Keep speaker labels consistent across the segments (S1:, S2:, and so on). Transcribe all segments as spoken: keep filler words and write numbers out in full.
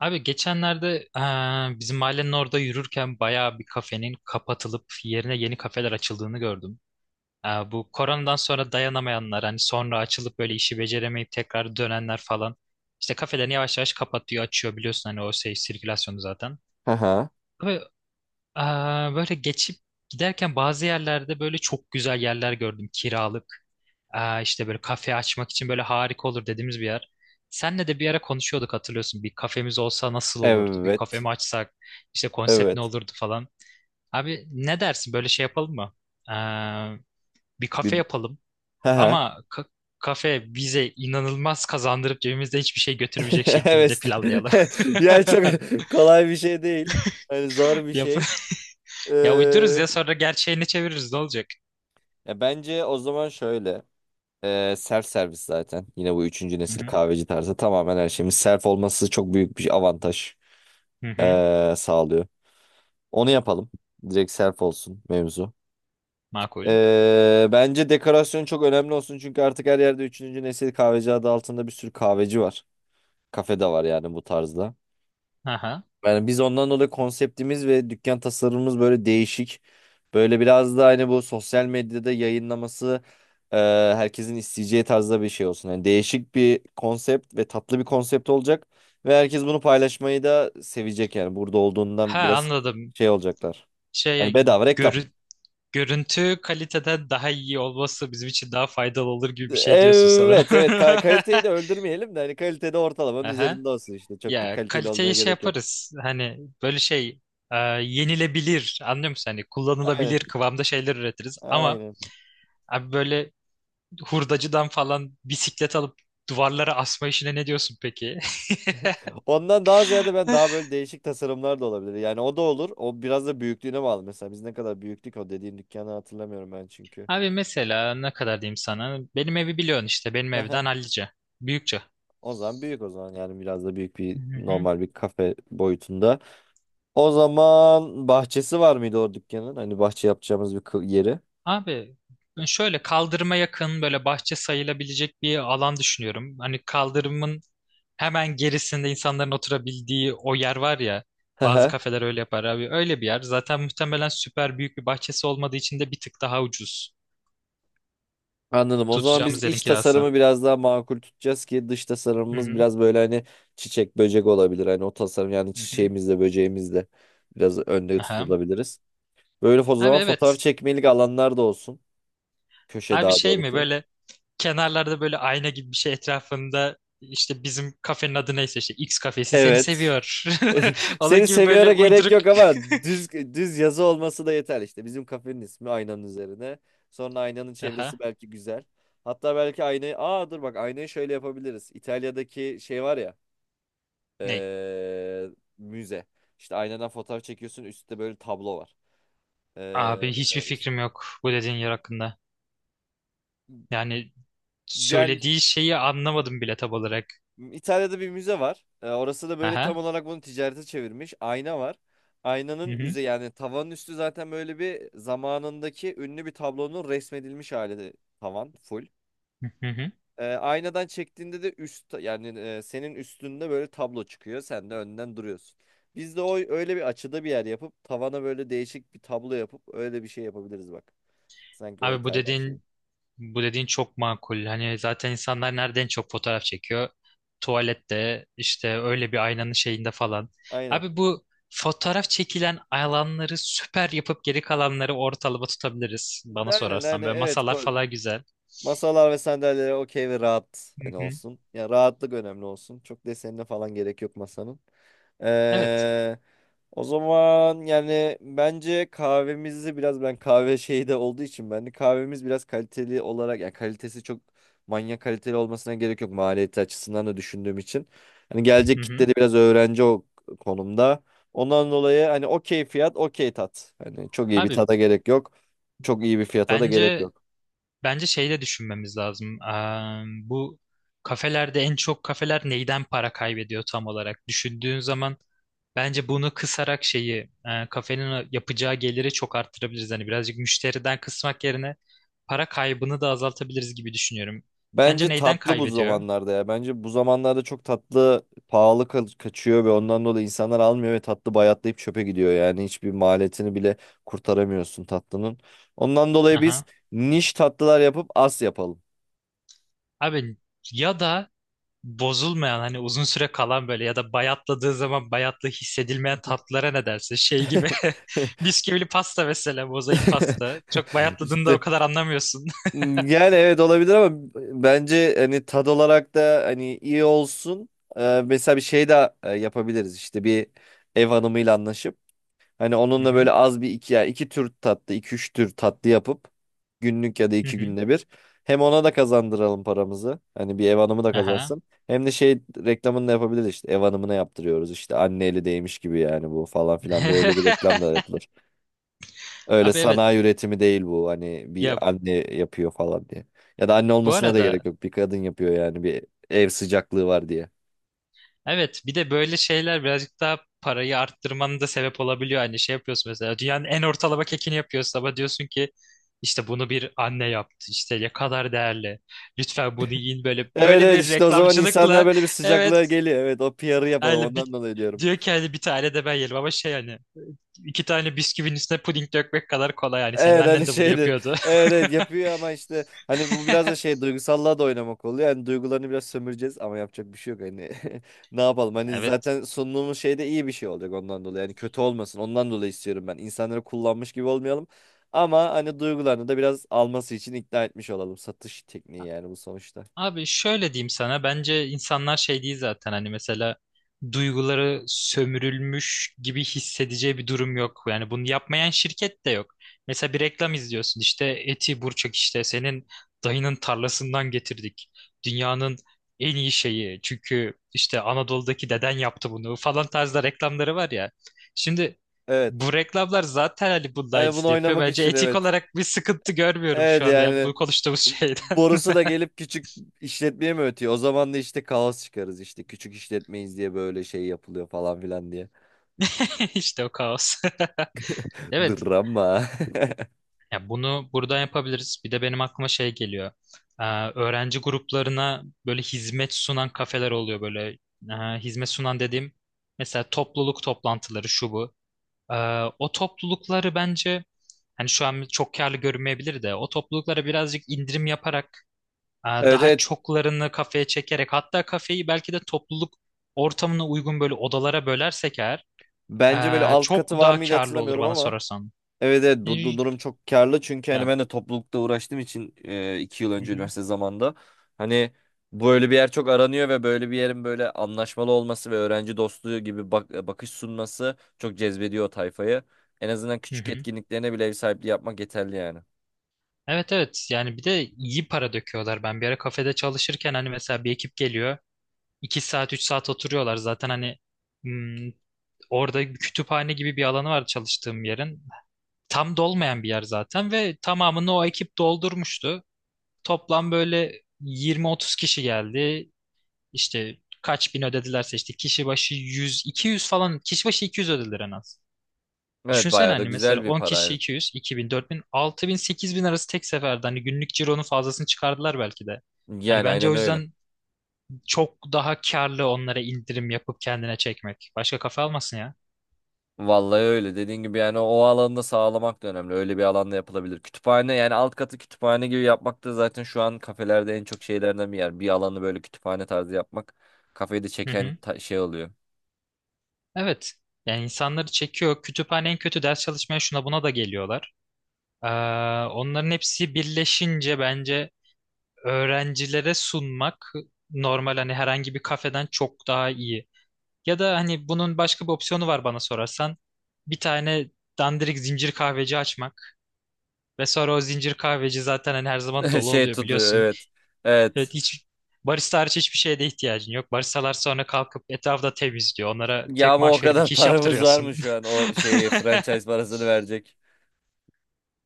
S1: Abi, geçenlerde eee, bizim mahallenin orada yürürken bayağı bir kafenin kapatılıp yerine yeni kafeler açıldığını gördüm. Eee, bu koronadan sonra dayanamayanlar, hani sonra açılıp böyle işi beceremeyip tekrar dönenler falan, işte kafelerini yavaş yavaş kapatıyor, açıyor, biliyorsun hani o şey sirkülasyonu zaten.
S2: Haha.
S1: Ve Aa, böyle geçip giderken bazı yerlerde böyle çok güzel yerler gördüm, kiralık. Aa, işte böyle kafe açmak için böyle harika olur dediğimiz bir yer. Senle de bir ara konuşuyorduk, hatırlıyorsun. Bir kafemiz olsa nasıl olurdu? Bir kafe
S2: Evet.
S1: mi açsak? İşte konsept ne
S2: Evet.
S1: olurdu falan. Abi, ne dersin böyle şey yapalım mı? Aa, Bir
S2: Bir...
S1: kafe yapalım
S2: Haha.
S1: ama ka- kafe bize inanılmaz kazandırıp cebimizde hiçbir şey götürmeyecek şekilde
S2: Evet.
S1: planlayalım.
S2: Yani çok kolay bir şey değil. Hani zor bir
S1: Yap
S2: şey.
S1: ya uydururuz
S2: Ee,
S1: ya sonra gerçeğini çeviririz, ne olacak?
S2: Ya bence o zaman şöyle. Ee, self servis zaten. Yine bu üçüncü nesil kahveci tarzı tamamen her şeyimiz self olması çok büyük bir avantaj
S1: Hı hı.
S2: ee, sağlıyor. Onu yapalım. Direkt self olsun mevzu.
S1: Makul.
S2: Ee, bence dekorasyon çok önemli olsun çünkü artık her yerde üçüncü nesil kahveci adı altında bir sürü kahveci var. Kafe de var yani bu tarzda.
S1: Aha.
S2: Yani biz ondan dolayı konseptimiz ve dükkan tasarımımız böyle değişik. Böyle biraz da hani bu sosyal medyada yayınlaması e, herkesin isteyeceği tarzda bir şey olsun. Yani değişik bir konsept ve tatlı bir konsept olacak. Ve herkes bunu paylaşmayı da sevecek yani. Burada
S1: Ha,
S2: olduğundan biraz
S1: anladım.
S2: şey olacaklar. Yani
S1: Şey
S2: bedava reklam.
S1: görü- Görüntü kaliteden daha iyi olması bizim için daha faydalı olur gibi bir şey diyorsun sanırım.
S2: Evet, evet, Ka- kaliteyi de öldürmeyelim de hani kalitede ortalamanın
S1: Aha.
S2: üzerinde olsun işte. Çok da
S1: Ya
S2: kaliteli olmaya
S1: kaliteyi şey
S2: gerek yok.
S1: yaparız. Hani böyle şey e, yenilebilir, anlıyor musun? Hani
S2: Aynen,
S1: kullanılabilir kıvamda şeyler üretiriz. Ama
S2: aynen.
S1: abi, böyle hurdacıdan falan bisiklet alıp duvarlara asma işine ne diyorsun peki?
S2: Ondan daha ziyade ben daha böyle değişik tasarımlar da olabilir. Yani o da olur. O biraz da büyüklüğüne bağlı. Mesela biz ne kadar büyüklük o dediğin dükkanı hatırlamıyorum ben çünkü.
S1: Abi, mesela ne kadar diyeyim sana? Benim evi biliyorsun işte. Benim evden hallice. Büyükçe.
S2: O zaman büyük o zaman yani biraz da büyük
S1: Hı
S2: bir
S1: hı.
S2: normal bir kafe boyutunda. O zaman bahçesi var mıydı o dükkanın? Hani bahçe yapacağımız bir kı- yeri.
S1: Abi, ben şöyle kaldırıma yakın böyle bahçe sayılabilecek bir alan düşünüyorum. Hani kaldırımın hemen gerisinde insanların oturabildiği o yer var ya. Bazı kafeler öyle yapar abi. Öyle bir yer. Zaten muhtemelen süper büyük bir bahçesi olmadığı için de bir tık daha ucuz.
S2: Anladım. O zaman biz
S1: Tutacağımız yerin
S2: iç
S1: kirası.
S2: tasarımı biraz daha makul tutacağız ki dış
S1: Hı
S2: tasarımımız
S1: hı.
S2: biraz böyle hani çiçek böcek olabilir. Hani o tasarım yani
S1: Hı hı.
S2: çiçeğimizle böceğimizle biraz önde
S1: Aha.
S2: tutulabiliriz. Böyle o
S1: Abi,
S2: zaman fotoğraf
S1: evet.
S2: çekmelik alanlar da olsun. Köşe
S1: Abi,
S2: daha
S1: şey mi
S2: doğrusu.
S1: böyle kenarlarda böyle ayna gibi bir şey etrafında, işte bizim kafenin adı neyse, işte X kafesi seni
S2: Evet.
S1: seviyor. Onun
S2: Seni
S1: gibi böyle
S2: seviyora gerek
S1: uyduruk.
S2: yok ama düz düz yazı olması da yeter işte. Bizim kafenin ismi aynanın üzerine. Sonra aynanın
S1: Aha.
S2: çevresi belki güzel. Hatta belki aynayı... Aa dur bak aynayı şöyle yapabiliriz. İtalya'daki şey var ya.
S1: Ney?
S2: eee, Müze. İşte aynadan fotoğraf çekiyorsun üstte böyle tablo var. Eee,
S1: Abi, hiçbir
S2: işte,
S1: fikrim yok bu dediğin yer hakkında. Yani
S2: Yani
S1: söylediği şeyi anlamadım bile tam olarak.
S2: İtalya'da bir müze var. E, orası da böyle tam
S1: Aha.
S2: olarak bunu ticarete çevirmiş. Ayna var. Aynanın
S1: Hı hı.
S2: üze yani tavanın üstü zaten böyle bir zamanındaki ünlü bir tablonun resmedilmiş hali tavan full.
S1: Hı hı.
S2: E, aynadan çektiğinde de üst yani e, senin üstünde böyle tablo çıkıyor. Sen de önden duruyorsun. Biz de o öyle bir açıda bir yer yapıp tavana böyle değişik bir tablo yapıp öyle bir şey yapabiliriz bak. Sanki o
S1: Abi, bu
S2: İtalyan şeyi.
S1: dediğin bu dediğin çok makul. Hani zaten insanlar nereden çok fotoğraf çekiyor? Tuvalette işte öyle bir aynanın şeyinde falan.
S2: Aynen.
S1: Abi, bu fotoğraf çekilen alanları süper yapıp geri kalanları ortalama tutabiliriz bana
S2: Aynen, aynen,
S1: sorarsan. Böyle
S2: evet.
S1: masalar
S2: Ko-
S1: falan güzel.
S2: Masalar ve sandalyeler okey ve rahat
S1: Hı
S2: hani
S1: hı.
S2: olsun. Ya rahatlık önemli olsun. Çok desenine falan gerek yok masanın.
S1: Evet.
S2: Ee, O zaman yani bence kahvemizi biraz ben kahve şeyi de olduğu için ben de kahvemiz biraz kaliteli olarak yani kalitesi çok manyak kaliteli olmasına gerek yok maliyeti açısından da düşündüğüm için. Hani
S1: Hı
S2: gelecek
S1: hı.
S2: kitle de biraz öğrenci o konumda. Ondan dolayı hani okey fiyat okey tat. Hani çok iyi bir
S1: Abi,
S2: tada gerek yok. Çok iyi bir fiyata da gerek
S1: bence
S2: yok.
S1: Bence şey de düşünmemiz lazım. Eee, bu kafelerde en çok kafeler neyden para kaybediyor tam olarak? Düşündüğün zaman bence bunu kısarak şeyi eee, kafenin yapacağı geliri çok arttırabiliriz. Hani birazcık müşteriden kısmak yerine para kaybını da azaltabiliriz gibi düşünüyorum.
S2: Bence
S1: Sence neyden
S2: tatlı bu
S1: kaybediyor?
S2: zamanlarda ya. Bence bu zamanlarda çok tatlı pahalı ka- kaçıyor ve ondan dolayı insanlar almıyor ve tatlı bayatlayıp çöpe gidiyor. Yani hiçbir maliyetini bile kurtaramıyorsun tatlının. Ondan dolayı biz
S1: Aha.
S2: niş tatlılar yapıp as yapalım.
S1: Abi, ya da bozulmayan, hani uzun süre kalan, böyle ya da bayatladığı zaman bayatlı hissedilmeyen tatlılara ne dersin? Şey gibi bisküvili pasta, mesela mozaik pasta. Çok bayatladığında o
S2: İşte
S1: kadar anlamıyorsun.
S2: yani evet olabilir ama bence hani tad olarak da hani iyi olsun. Ee, mesela bir şey de e, yapabiliriz işte bir ev hanımıyla anlaşıp. Hani
S1: Hı
S2: onunla
S1: hı.
S2: böyle az bir iki ya iki tür tatlı, iki üç tür tatlı yapıp günlük ya da
S1: Hı
S2: iki
S1: hı.
S2: günde bir. Hem ona da kazandıralım paramızı. Hani bir ev hanımı da
S1: Aha.
S2: kazansın. Hem de şey reklamını da yapabiliriz işte. Ev hanımına yaptırıyoruz işte. Anne eli değmiş gibi yani bu falan filan diye öyle bir reklam da yapılır. Öyle
S1: Abi, evet.
S2: sanayi üretimi değil bu. Hani
S1: Ya
S2: bir anne yapıyor falan diye. Ya da anne
S1: bu
S2: olmasına da gerek
S1: arada,
S2: yok. Bir kadın yapıyor yani bir ev sıcaklığı var diye.
S1: evet, bir de böyle şeyler birazcık daha parayı arttırmanın da sebep olabiliyor. Hani şey yapıyorsun mesela, dünyanın en ortalama kekini yapıyorsun ama diyorsun ki işte bunu bir anne yaptı. İşte ne kadar değerli. Lütfen bunu yiyin, böyle
S2: Evet,
S1: böyle
S2: evet,
S1: bir
S2: işte o zaman insanlar
S1: reklamcılıkla.
S2: böyle bir sıcaklığa
S1: Evet.
S2: geliyor. Evet, o P R'ı yapalım
S1: Öyle
S2: ondan
S1: bir
S2: dolayı diyorum.
S1: diyor ki hani bir tane de ben yerim ama şey, hani iki tane bisküvinin üstüne puding dökmek kadar kolay yani. Senin
S2: Evet hani
S1: annen de bunu
S2: şeydir.
S1: yapıyordu.
S2: Evet, evet, yapıyor ama işte hani bu biraz da şey duygusallığa da oynamak oluyor. Yani duygularını biraz sömüreceğiz ama yapacak bir şey yok hani. Ne yapalım hani
S1: Evet.
S2: zaten sunduğumuz şey de iyi bir şey olacak ondan dolayı. Yani kötü olmasın ondan dolayı istiyorum ben. İnsanları kullanmış gibi olmayalım. Ama hani duygularını da biraz alması için ikna etmiş olalım. Satış tekniği yani bu sonuçta.
S1: Abi, şöyle diyeyim sana, bence insanlar şey değil zaten hani, mesela duyguları sömürülmüş gibi hissedeceği bir durum yok. Yani bunu yapmayan şirket de yok. Mesela bir reklam izliyorsun, işte Eti Burçak, işte senin dayının tarlasından getirdik. Dünyanın en iyi şeyi çünkü işte Anadolu'daki deden yaptı bunu falan tarzda reklamları var ya. Şimdi
S2: Evet.
S1: bu reklamlar zaten hani bunun
S2: Hani bunu
S1: aynısını yapıyor.
S2: oynamak
S1: Bence
S2: için
S1: etik
S2: evet.
S1: olarak bir sıkıntı görmüyorum
S2: Evet
S1: şu anda ya,
S2: yani
S1: bu konuştuğumuz şeyden.
S2: Borusu da gelip küçük işletmeye mi ötüyor? O zaman da işte kaos çıkarız işte. Küçük işletmeyiz diye böyle şey yapılıyor falan filan diye.
S1: İşte o kaos. Evet,
S2: Drama.
S1: ya bunu burada yapabiliriz. Bir de benim aklıma şey geliyor. Ee, Öğrenci gruplarına böyle hizmet sunan kafeler oluyor böyle. Ee, hizmet sunan dediğim, mesela topluluk toplantıları şu bu. Ee, O toplulukları bence, hani şu an çok karlı görünmeyebilir de, o topluluklara birazcık indirim yaparak, e,
S2: Evet,
S1: daha
S2: evet.
S1: çoklarını kafeye çekerek, hatta kafeyi belki de topluluk ortamına uygun böyle odalara bölersek eğer,
S2: Bence böyle
S1: e,
S2: alt katı
S1: çok
S2: var
S1: daha
S2: mıydı
S1: karlı olur
S2: hatırlamıyorum
S1: bana
S2: ama.
S1: sorarsan.
S2: Evet, evet, bu
S1: Ee,
S2: du- durum çok karlı çünkü hani
S1: Ya,
S2: ben de toplulukta uğraştığım için e, iki yıl
S1: hı
S2: önce
S1: hı.
S2: üniversite zamanında hani böyle bir yer çok aranıyor ve böyle bir yerin böyle anlaşmalı olması ve öğrenci dostluğu gibi bak e, bakış sunması çok cezbediyor o tayfayı. En azından
S1: Hı
S2: küçük
S1: hı.
S2: etkinliklerine bile ev sahipliği yapmak yeterli yani.
S1: Evet, evet, yani bir de iyi para döküyorlar. Ben bir ara kafede çalışırken hani mesela bir ekip geliyor. iki saat, üç saat oturuyorlar zaten hani hmm, orada bir kütüphane gibi bir alanı var çalıştığım yerin. Tam dolmayan bir yer zaten ve tamamını o ekip doldurmuştu. Toplam böyle yirmi otuz kişi geldi. İşte kaç bin ödedilerse, işte kişi başı yüz iki yüz falan, kişi başı iki yüz ödediler en az.
S2: Evet,
S1: Düşünsene,
S2: bayağı da
S1: hani mesela
S2: güzel bir
S1: on
S2: para.
S1: kişi
S2: Evet.
S1: iki yüz, iki bin, dört bin, altı bin, sekiz bin arası tek seferde, hani günlük cironun fazlasını çıkardılar belki de. Hani
S2: Yani
S1: bence o
S2: aynen öyle.
S1: yüzden çok daha karlı onlara indirim yapıp kendine çekmek. Başka kafa almasın ya.
S2: Vallahi öyle. Dediğin gibi yani o alanda sağlamak da önemli. Öyle bir alanda yapılabilir. Kütüphane yani alt katı kütüphane gibi yapmak da zaten şu an kafelerde en çok şeylerden bir yer. Bir alanı böyle kütüphane tarzı yapmak kafeyi de
S1: Hı
S2: çeken
S1: hı.
S2: ta- şey oluyor.
S1: Evet. Yani insanları çekiyor. Kütüphane en kötü ders çalışmaya, şuna buna da geliyorlar. Ee, Onların hepsi birleşince bence öğrencilere sunmak, normal hani herhangi bir kafeden çok daha iyi. Ya da hani bunun başka bir opsiyonu var bana sorarsan. Bir tane dandirik zincir kahveci açmak. Ve sonra o zincir kahveci zaten hani her zaman dolu
S2: Şey
S1: oluyor
S2: tutuyor
S1: biliyorsun.
S2: evet. Evet.
S1: Evet, hiç barista hariç hiçbir şeye de ihtiyacın yok. Baristalar sonra kalkıp etrafta temizliyor. Onlara
S2: Ya
S1: tek
S2: ama o
S1: maaş verip
S2: kadar
S1: iki iş
S2: paramız var mı
S1: yaptırıyorsun.
S2: şu an o şeye franchise parasını verecek?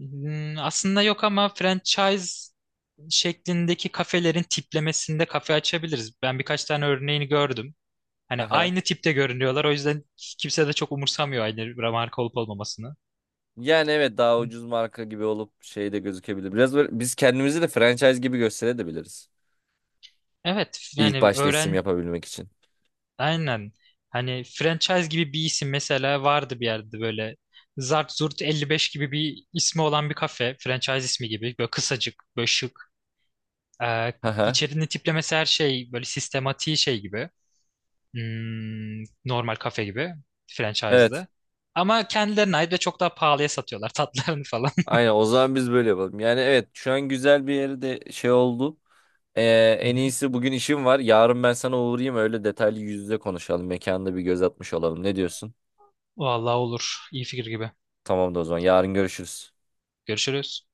S1: Hmm, Aslında yok ama franchise şeklindeki kafelerin tiplemesinde kafe açabiliriz. Ben birkaç tane örneğini gördüm. Hani
S2: Haha.
S1: aynı tipte görünüyorlar. O yüzden kimse de çok umursamıyor aynı marka olup olmamasını.
S2: Yani evet daha ucuz marka gibi olup şey de gözükebilir. Biraz böyle biz kendimizi de franchise gibi gösterebiliriz.
S1: Evet
S2: İlk
S1: yani
S2: başta isim
S1: öğren
S2: yapabilmek için.
S1: aynen, hani franchise gibi bir isim mesela vardı bir yerde, böyle Zart Zurt elli beş gibi bir ismi olan bir kafe, franchise ismi gibi böyle kısacık, böyle şık, ee,
S2: Haha.
S1: içerinin tiplemesi her şey böyle sistematiği şey gibi, hmm, normal kafe gibi,
S2: Evet.
S1: franchise'da ama kendilerine ait ve çok daha pahalıya satıyorlar tatlarını falan.
S2: Aynen o zaman biz böyle yapalım. Yani evet şu an güzel bir yere de şey oldu. Ee,
S1: Hı
S2: En
S1: hı.
S2: iyisi bugün işim var. Yarın ben sana uğrayayım öyle detaylı yüz yüze konuşalım. Mekanda bir göz atmış olalım. Ne diyorsun?
S1: Vallahi olur, iyi fikir gibi.
S2: Tamam da o zaman yarın görüşürüz.
S1: Görüşürüz.